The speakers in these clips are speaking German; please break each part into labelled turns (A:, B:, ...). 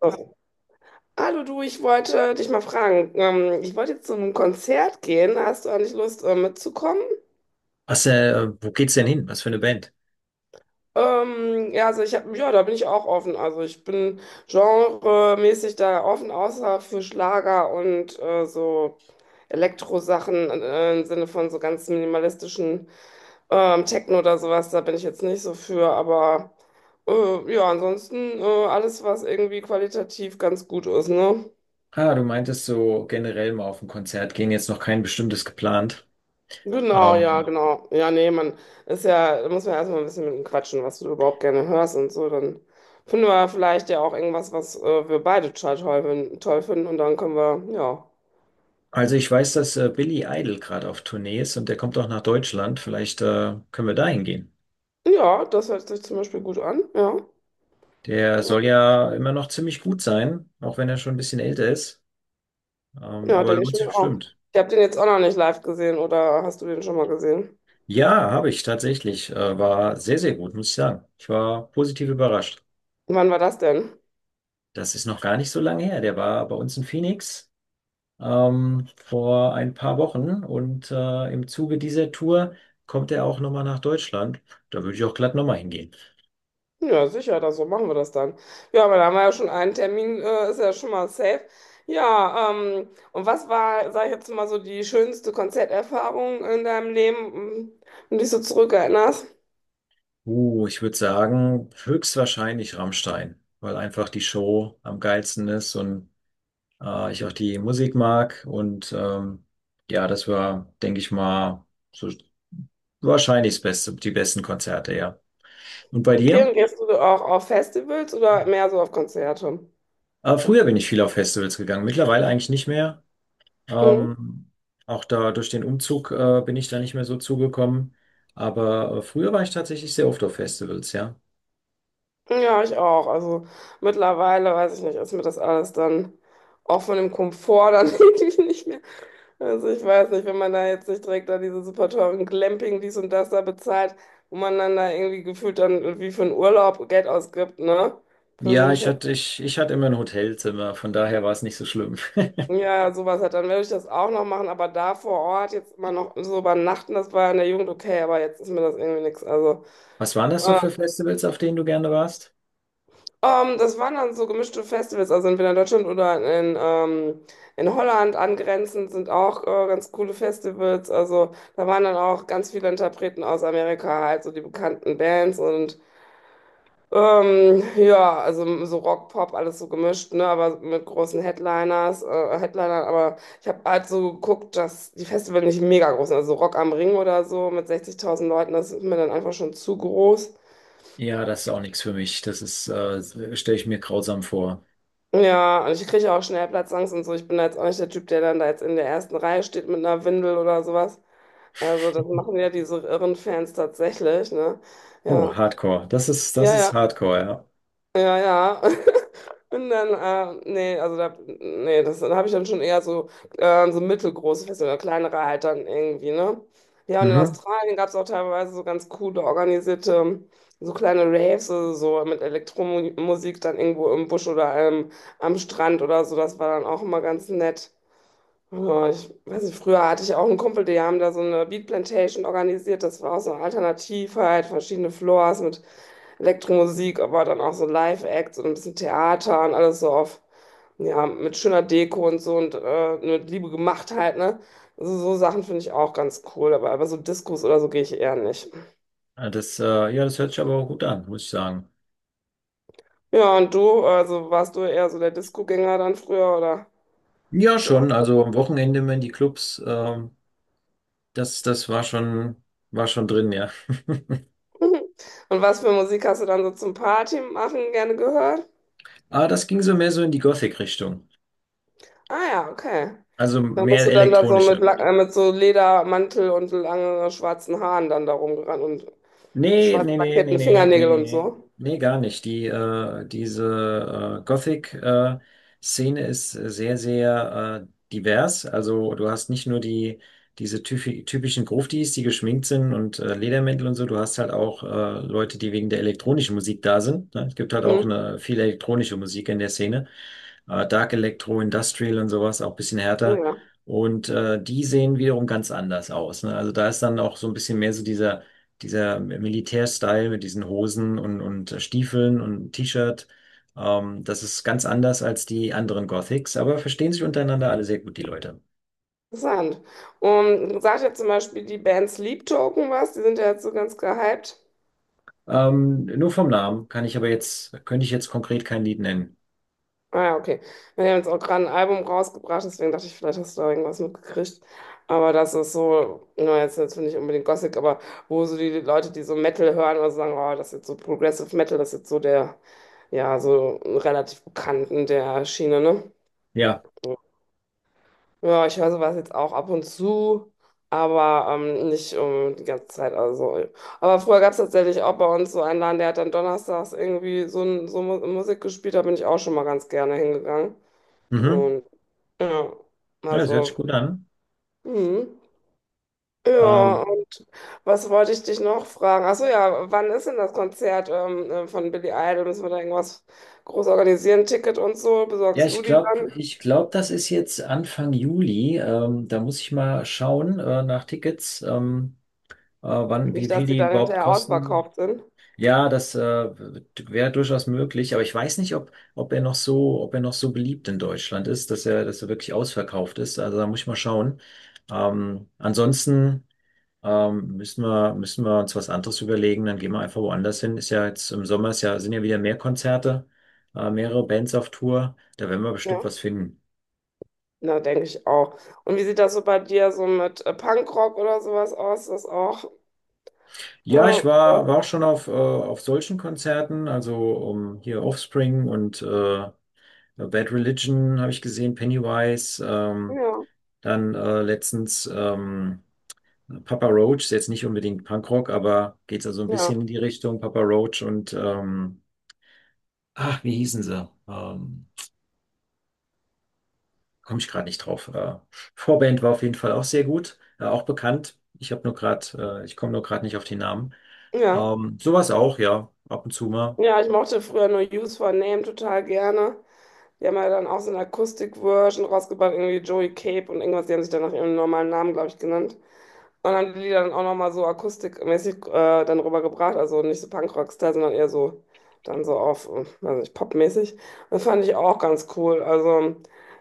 A: Oh, hallo du, ich wollte dich mal fragen. Ich wollte jetzt zu einem Konzert gehen. Hast du eigentlich Lust, mitzukommen?
B: Was, äh, wo geht's denn hin? Was für eine Band?
A: Ja, also ich habe, ja, da bin ich auch offen. Also ich bin genremäßig da offen, außer für Schlager und so Elektrosachen im Sinne von so ganz minimalistischen Techno oder sowas. Da bin ich jetzt nicht so für. Aber ja, ansonsten alles, was irgendwie qualitativ ganz gut ist, ne?
B: Ah, du meintest so generell mal auf ein Konzert gehen, jetzt noch kein bestimmtes geplant.
A: Genau, ja,
B: Ähm,
A: genau. Ja, nee, man ist ja, da muss man erstmal ein bisschen mit ihm quatschen, was du überhaupt gerne hörst und so. Dann finden wir vielleicht ja auch irgendwas, was wir beide total toll, toll finden und dann können wir, ja.
B: also ich weiß, dass Billy Idol gerade auf Tournee ist und der kommt auch nach Deutschland. Vielleicht können wir da hingehen.
A: Ja, das hört sich zum Beispiel gut an, ja.
B: Der soll ja immer noch ziemlich gut sein, auch wenn er schon ein bisschen älter ist.
A: Ja,
B: Aber
A: denke ich
B: lohnt sich
A: mir auch.
B: bestimmt.
A: Ich habe den jetzt auch noch nicht live gesehen oder hast du den schon mal gesehen?
B: Ja, habe ich tatsächlich. War sehr, sehr gut, muss ich sagen. Ich war positiv überrascht.
A: Wann war das denn?
B: Das ist noch gar nicht so lange her. Der war bei uns in Phoenix, vor ein paar Wochen, und im Zuge dieser Tour kommt er auch nochmal nach Deutschland. Da würde ich auch glatt nochmal hingehen.
A: Ja, sicher, das, so machen wir das dann. Ja, aber da haben wir ja schon einen Termin, ist ja schon mal safe. Ja, und was war, sag ich jetzt mal so, die schönste Konzerterfahrung in deinem Leben, an die du dich so zurückerinnerst?
B: Ich würde sagen, höchstwahrscheinlich Rammstein, weil einfach die Show am geilsten ist und ich auch die Musik mag, und ja, das war, denke ich mal, so wahrscheinlich das Beste, die besten Konzerte, ja. Und bei
A: Okay,
B: dir?
A: und gehst du auch auf Festivals oder mehr so auf Konzerte?
B: Früher bin ich viel auf Festivals gegangen, mittlerweile eigentlich nicht mehr.
A: Mhm.
B: Ähm, auch da durch den Umzug bin ich da nicht mehr so zugekommen. Aber früher war ich tatsächlich sehr oft auf Festivals, ja.
A: Ja, ich auch. Also mittlerweile, weiß ich nicht, ist mir das alles dann auch von dem Komfort dann irgendwie nicht mehr. Also ich weiß nicht, wenn man da jetzt nicht direkt da diese super teuren Glamping, dies und das da bezahlt, wo man dann da irgendwie gefühlt dann wie für einen Urlaub Geld ausgibt, ne? Für so
B: Ja,
A: ein
B: ich
A: Fest.
B: hatte, ich, ich hatte immer ein Hotelzimmer, von daher war es nicht so schlimm.
A: Ja, sowas halt, dann werde ich das auch noch machen, aber da vor Ort jetzt immer noch so übernachten, das war in der Jugend okay, aber jetzt ist mir das irgendwie nichts. Also.
B: Was waren das so für Festivals, auf denen du gerne warst?
A: Das waren dann so gemischte Festivals, also entweder in Deutschland oder in Holland angrenzend sind auch ganz coole Festivals. Also da waren dann auch ganz viele Interpreten aus Amerika, halt so die bekannten Bands und ja, also so Rock, Pop, alles so gemischt, ne, aber mit großen Headliners, Headlinern. Aber ich habe halt so geguckt, dass die Festivals nicht mega groß sind. Also Rock am Ring oder so mit 60.000 Leuten, das ist mir dann einfach schon zu groß.
B: Ja, das ist auch nichts für mich. Stelle ich mir grausam vor.
A: Ja, und ich kriege auch schnell Platzangst und so. Ich bin da jetzt auch nicht der Typ, der dann da jetzt in der ersten Reihe steht mit einer Windel oder sowas. Also das machen ja diese irren Fans tatsächlich, ne?
B: Oh,
A: Ja.
B: Hardcore. Das ist, das
A: Ja,
B: ist
A: ja.
B: Hardcore, ja.
A: Ja, ja. Und dann, nee, also da, nee, das, da habe ich dann schon eher so, so mittelgroße Feste oder kleinere halt dann irgendwie, ne? Ja, und in
B: Mhm.
A: Australien gab es auch teilweise so ganz coole, organisierte, so kleine Raves, also so mit Elektromusik dann irgendwo im Busch oder am Strand oder so. Das war dann auch immer ganz nett. Ja, ich weiß nicht, früher hatte ich auch einen Kumpel, die haben da so eine Beat Plantation organisiert. Das war auch so eine Alternative, halt verschiedene Floors mit Elektromusik, aber dann auch so Live-Acts und ein bisschen Theater und alles so auf, ja, mit schöner Deko und so und mit Liebe gemacht halt, ne? Also so Sachen finde ich auch ganz cool, aber so Diskos oder so gehe ich eher nicht.
B: Ah, Das, äh, ja, das hört sich aber auch gut an, muss ich sagen.
A: Ja, und du, also warst du eher so der Disco-Gänger dann früher oder
B: Ja,
A: bist du auch?
B: schon. Also am Wochenende immer in die Clubs. Das, das war schon, war schon drin, ja.
A: Und was für Musik hast du dann so zum Party machen gerne gehört?
B: Aber das ging so mehr so in die Gothic-Richtung.
A: Ah ja, okay.
B: Also
A: Dann bist
B: mehr
A: du dann da so mit,
B: elektronische.
A: mit so Ledermantel und langen schwarzen Haaren dann da rumgerannt und
B: Nee,
A: schwarz
B: nee, nee, nee,
A: lackierten
B: nee, nee,
A: Fingernägel und
B: nee,
A: so.
B: nee, gar nicht. Diese Gothic-Szene ist sehr, sehr divers. Also du hast nicht nur die, diese typischen Gruftis, die geschminkt sind und Ledermäntel und so, du hast halt auch Leute, die wegen der elektronischen Musik da sind. Ne? Es gibt halt auch
A: Hm?
B: eine, viel elektronische Musik in der Szene. Dark Electro, Industrial und sowas, auch ein bisschen
A: Ja,
B: härter.
A: ja.
B: Und die sehen wiederum ganz anders aus. Ne? Also da ist dann auch so ein bisschen mehr so dieser Militärstyle mit diesen Hosen und, und Stiefeln und T-Shirt. Das ist ganz anders als die anderen Gothics, aber verstehen sich untereinander alle sehr gut, die Leute.
A: Interessant. Und sagt ja zum Beispiel die Band Sleep Token was, die sind ja jetzt so ganz gehypt.
B: Nur vom Namen kann ich aber jetzt, könnte ich jetzt konkret kein Lied nennen.
A: Ah ja, okay. Wir haben jetzt auch gerade ein Album rausgebracht, deswegen dachte ich, vielleicht hast du da irgendwas mitgekriegt. Aber das ist so, na, jetzt natürlich nicht so unbedingt Gothic, aber wo so die Leute, die so Metal hören oder so sagen, oh, das ist jetzt so Progressive Metal, das ist jetzt so der, ja, so relativ bekannten der Schiene, ne?
B: Ja,
A: Ja, ich höre sowas jetzt auch ab und zu, aber nicht die ganze Zeit. Also. Aber früher gab es tatsächlich auch bei uns so einen Laden, der hat dann donnerstags irgendwie so, ein, so Musik gespielt, da bin ich auch schon mal ganz gerne hingegangen.
B: mhm.
A: Und ja,
B: Ja, das hört sich
A: also,
B: gut an.
A: hm. Ja,
B: Ähm,
A: und was wollte ich dich noch fragen? Achso, ja, wann ist denn das Konzert von Billy Idol? Müssen wir da irgendwas groß organisieren? Ticket und so?
B: ja,
A: Besorgst
B: ich
A: du die
B: glaube,
A: dann?
B: ich glaube, das ist jetzt Anfang Juli. Da muss ich mal schauen, nach Tickets, wann, wie
A: Nicht, dass
B: viel
A: die
B: die
A: dann
B: überhaupt
A: hinterher
B: kosten.
A: outverkauft sind.
B: Ja, das Wäre durchaus möglich, aber ich weiß nicht, ob er noch so, ob er noch so beliebt in Deutschland ist, dass er wirklich ausverkauft ist. Also da muss ich mal schauen. Ansonsten müssen wir uns was anderes überlegen. Dann gehen wir einfach woanders hin. Ist ja jetzt im Sommer ist ja, sind ja wieder mehr Konzerte, mehrere Bands auf Tour. Da werden wir
A: Ja,
B: bestimmt was finden.
A: na, denke ich auch. Und wie sieht das so bei dir so mit Punkrock oder sowas aus? Ist das auch?
B: Ja,
A: Ja,
B: war auch schon auf solchen Konzerten, also hier Offspring und ja, Bad Religion habe ich gesehen, Pennywise, ähm,
A: ja,
B: dann äh, letztens ähm, Papa Roach, ist jetzt nicht unbedingt Punkrock, aber geht so also ein
A: ja,
B: bisschen in die Richtung Papa Roach. Ach, wie hießen sie? Ähm, Komme ich gerade nicht drauf. Vorband war auf jeden Fall auch sehr gut, auch bekannt. Ich habe nur gerade, ich komme nur gerade nicht auf die Namen.
A: ja.
B: Sowas auch, ja, ab und zu mal.
A: Ja, ich mochte früher nur Use for Name total gerne. Die haben ja dann auch so eine Akustik-Version rausgebracht, irgendwie Joey Cape und irgendwas. Die haben sich dann nach ihrem normalen Namen, glaube ich, genannt. Und haben die Lieder dann auch nochmal so akustikmäßig dann rübergebracht. Also nicht so Punkrock-Style, sondern eher so dann so auf, weiß nicht, popmäßig. Das fand ich auch ganz cool. Also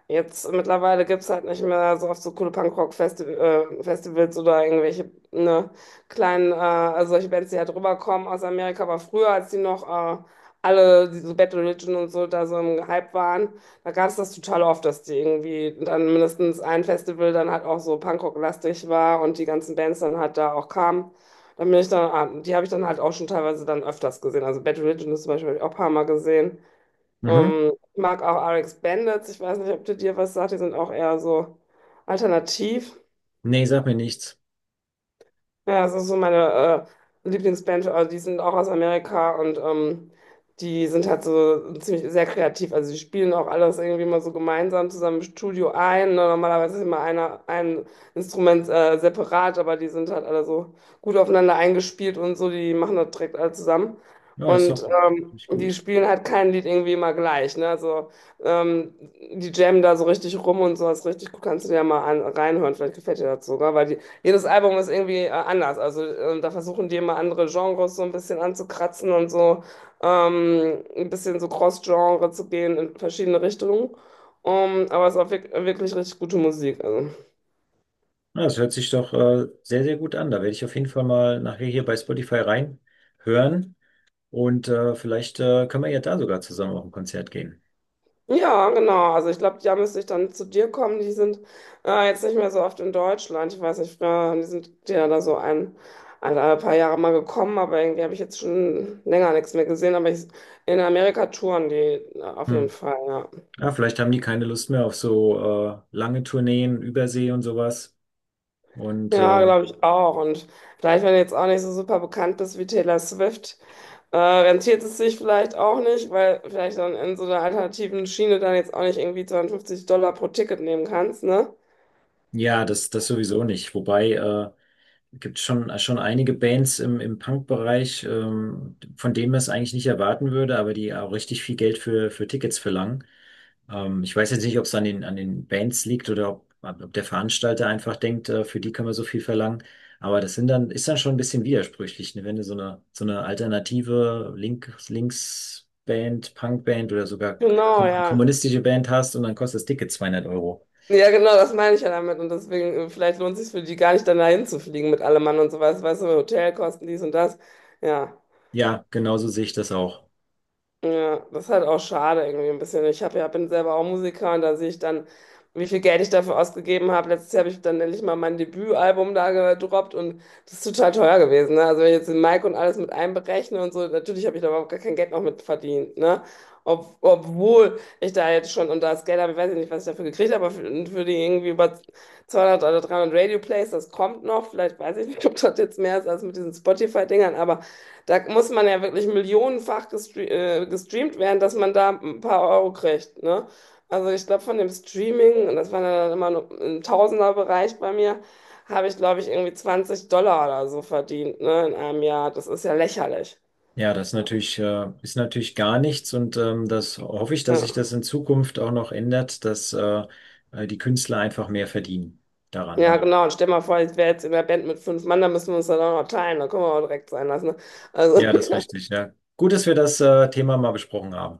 A: jetzt mittlerweile gibt es halt nicht mehr so oft so coole Punkrock-Festivals Festivals oder irgendwelche ne, kleinen, also solche Bands, die halt rüberkommen aus Amerika. Aber früher, als die noch alle diese Battle Religion und so da so im Hype waren, da gab es das total oft, dass die irgendwie dann mindestens ein Festival dann halt auch so Punkrock-lastig war und die ganzen Bands dann halt da auch kamen. Dann bin ich dann, die habe ich dann halt auch schon teilweise dann öfters gesehen. Also Battle Religion ist zum Beispiel hab ich auch ein paar Mal gesehen.
B: Mhm.
A: Ich mag auch RX Bandits, ich weiß nicht, ob die dir was sagt, die sind auch eher so alternativ.
B: Nee, sag mir nichts.
A: Ja, das ist so meine Lieblingsband, die sind auch aus Amerika und die sind halt so ziemlich sehr kreativ. Also die spielen auch alles irgendwie mal so gemeinsam zusammen im Studio ein. Ne? Normalerweise ist immer einer, ein Instrument separat, aber die sind halt alle so gut aufeinander eingespielt und so, die machen das direkt alle zusammen.
B: Ja, das ist
A: Und
B: doch nicht
A: die
B: gut.
A: spielen halt kein Lied irgendwie immer gleich. Ne? Also ähm, die jammen da so richtig rum und sowas richtig gut. Kannst du dir ja mal an, reinhören, vielleicht gefällt dir das sogar, weil die jedes Album ist irgendwie anders. Also da versuchen die immer andere Genres so ein bisschen anzukratzen und so ein bisschen so Cross-Genre zu gehen in verschiedene Richtungen. Aber es war wirklich richtig gute Musik. Also.
B: Das hört sich doch sehr, sehr gut an. Da werde ich auf jeden Fall mal nachher hier bei Spotify reinhören. Und vielleicht können wir ja da sogar zusammen auf ein Konzert gehen.
A: Ja, genau. Also ich glaube, ja, müsste ich dann zu dir kommen. Die sind jetzt nicht mehr so oft in Deutschland. Ich weiß nicht, früher haben die sind ja da so ein paar Jahre mal gekommen, aber irgendwie habe ich jetzt schon länger nichts mehr gesehen. Aber ich, in Amerika touren die auf jeden
B: Hm.
A: Fall, ja.
B: Ja, vielleicht haben die keine Lust mehr auf so lange Tourneen, Übersee und sowas. Und
A: Ja, glaube ich auch. Und vielleicht, wenn du jetzt auch nicht so super bekannt bist wie Taylor Swift, rentiert es sich vielleicht auch nicht, weil vielleicht dann in so einer alternativen Schiene dann jetzt auch nicht irgendwie $52 pro Ticket nehmen kannst, ne?
B: das sowieso nicht. Wobei gibt schon einige Bands im Punk-Bereich, von denen man es eigentlich nicht erwarten würde, aber die auch richtig viel Geld für Tickets verlangen. Ich weiß jetzt nicht, ob es an den Bands liegt oder ob der Veranstalter einfach denkt, für die kann man so viel verlangen. Aber ist dann schon ein bisschen widersprüchlich, ne? Wenn du so eine alternative Linksband, Punkband oder sogar
A: Genau, ja.
B: kommunistische Band hast und dann kostet das Ticket 200 Euro.
A: Ja, genau, das meine ich ja damit. Und deswegen, vielleicht lohnt es sich für die gar nicht, dann dahin zu fliegen mit allem Mann und so was, weißt du, Hotelkosten, dies und das. Ja.
B: Ja, genauso sehe ich das auch.
A: Ja, das ist halt auch schade irgendwie ein bisschen. Ich hab, ja, bin selber auch Musiker und da sehe ich dann, wie viel Geld ich dafür ausgegeben habe. Letztes Jahr habe ich dann endlich mal mein Debütalbum da gedroppt und das ist total teuer gewesen. Ne? Also wenn ich jetzt den Mic und alles mit einberechne und so, natürlich habe ich da überhaupt gar kein Geld noch mit verdient. Ne? Obwohl ich da jetzt schon, und das Geld habe, ich weiß nicht, was ich dafür gekriegt habe, aber für die irgendwie über 200 oder 300 Radio-Plays, das kommt noch. Vielleicht weiß ich nicht, ob das jetzt mehr ist als mit diesen Spotify-Dingern, aber da muss man ja wirklich millionenfach gestreamt werden, dass man da ein paar Euro kriegt, ne? Also ich glaube, von dem Streaming, und das war dann halt immer nur im Tausenderbereich bei mir, habe ich, glaube ich, irgendwie $20 oder so verdient, ne, in einem Jahr. Das ist ja lächerlich.
B: Ja, das ist natürlich gar nichts, und das hoffe ich, dass sich
A: Ja,
B: das in Zukunft auch noch ändert, dass die Künstler einfach mehr verdienen daran,
A: ja
B: ne?
A: genau. Und stell mal vor, ich wäre jetzt in der Band mit fünf Mann, da müssen wir uns dann auch noch teilen. Da können wir auch direkt sein lassen. Ne? Also,
B: Ja, das ist richtig, ja. Gut, dass wir das Thema mal besprochen haben.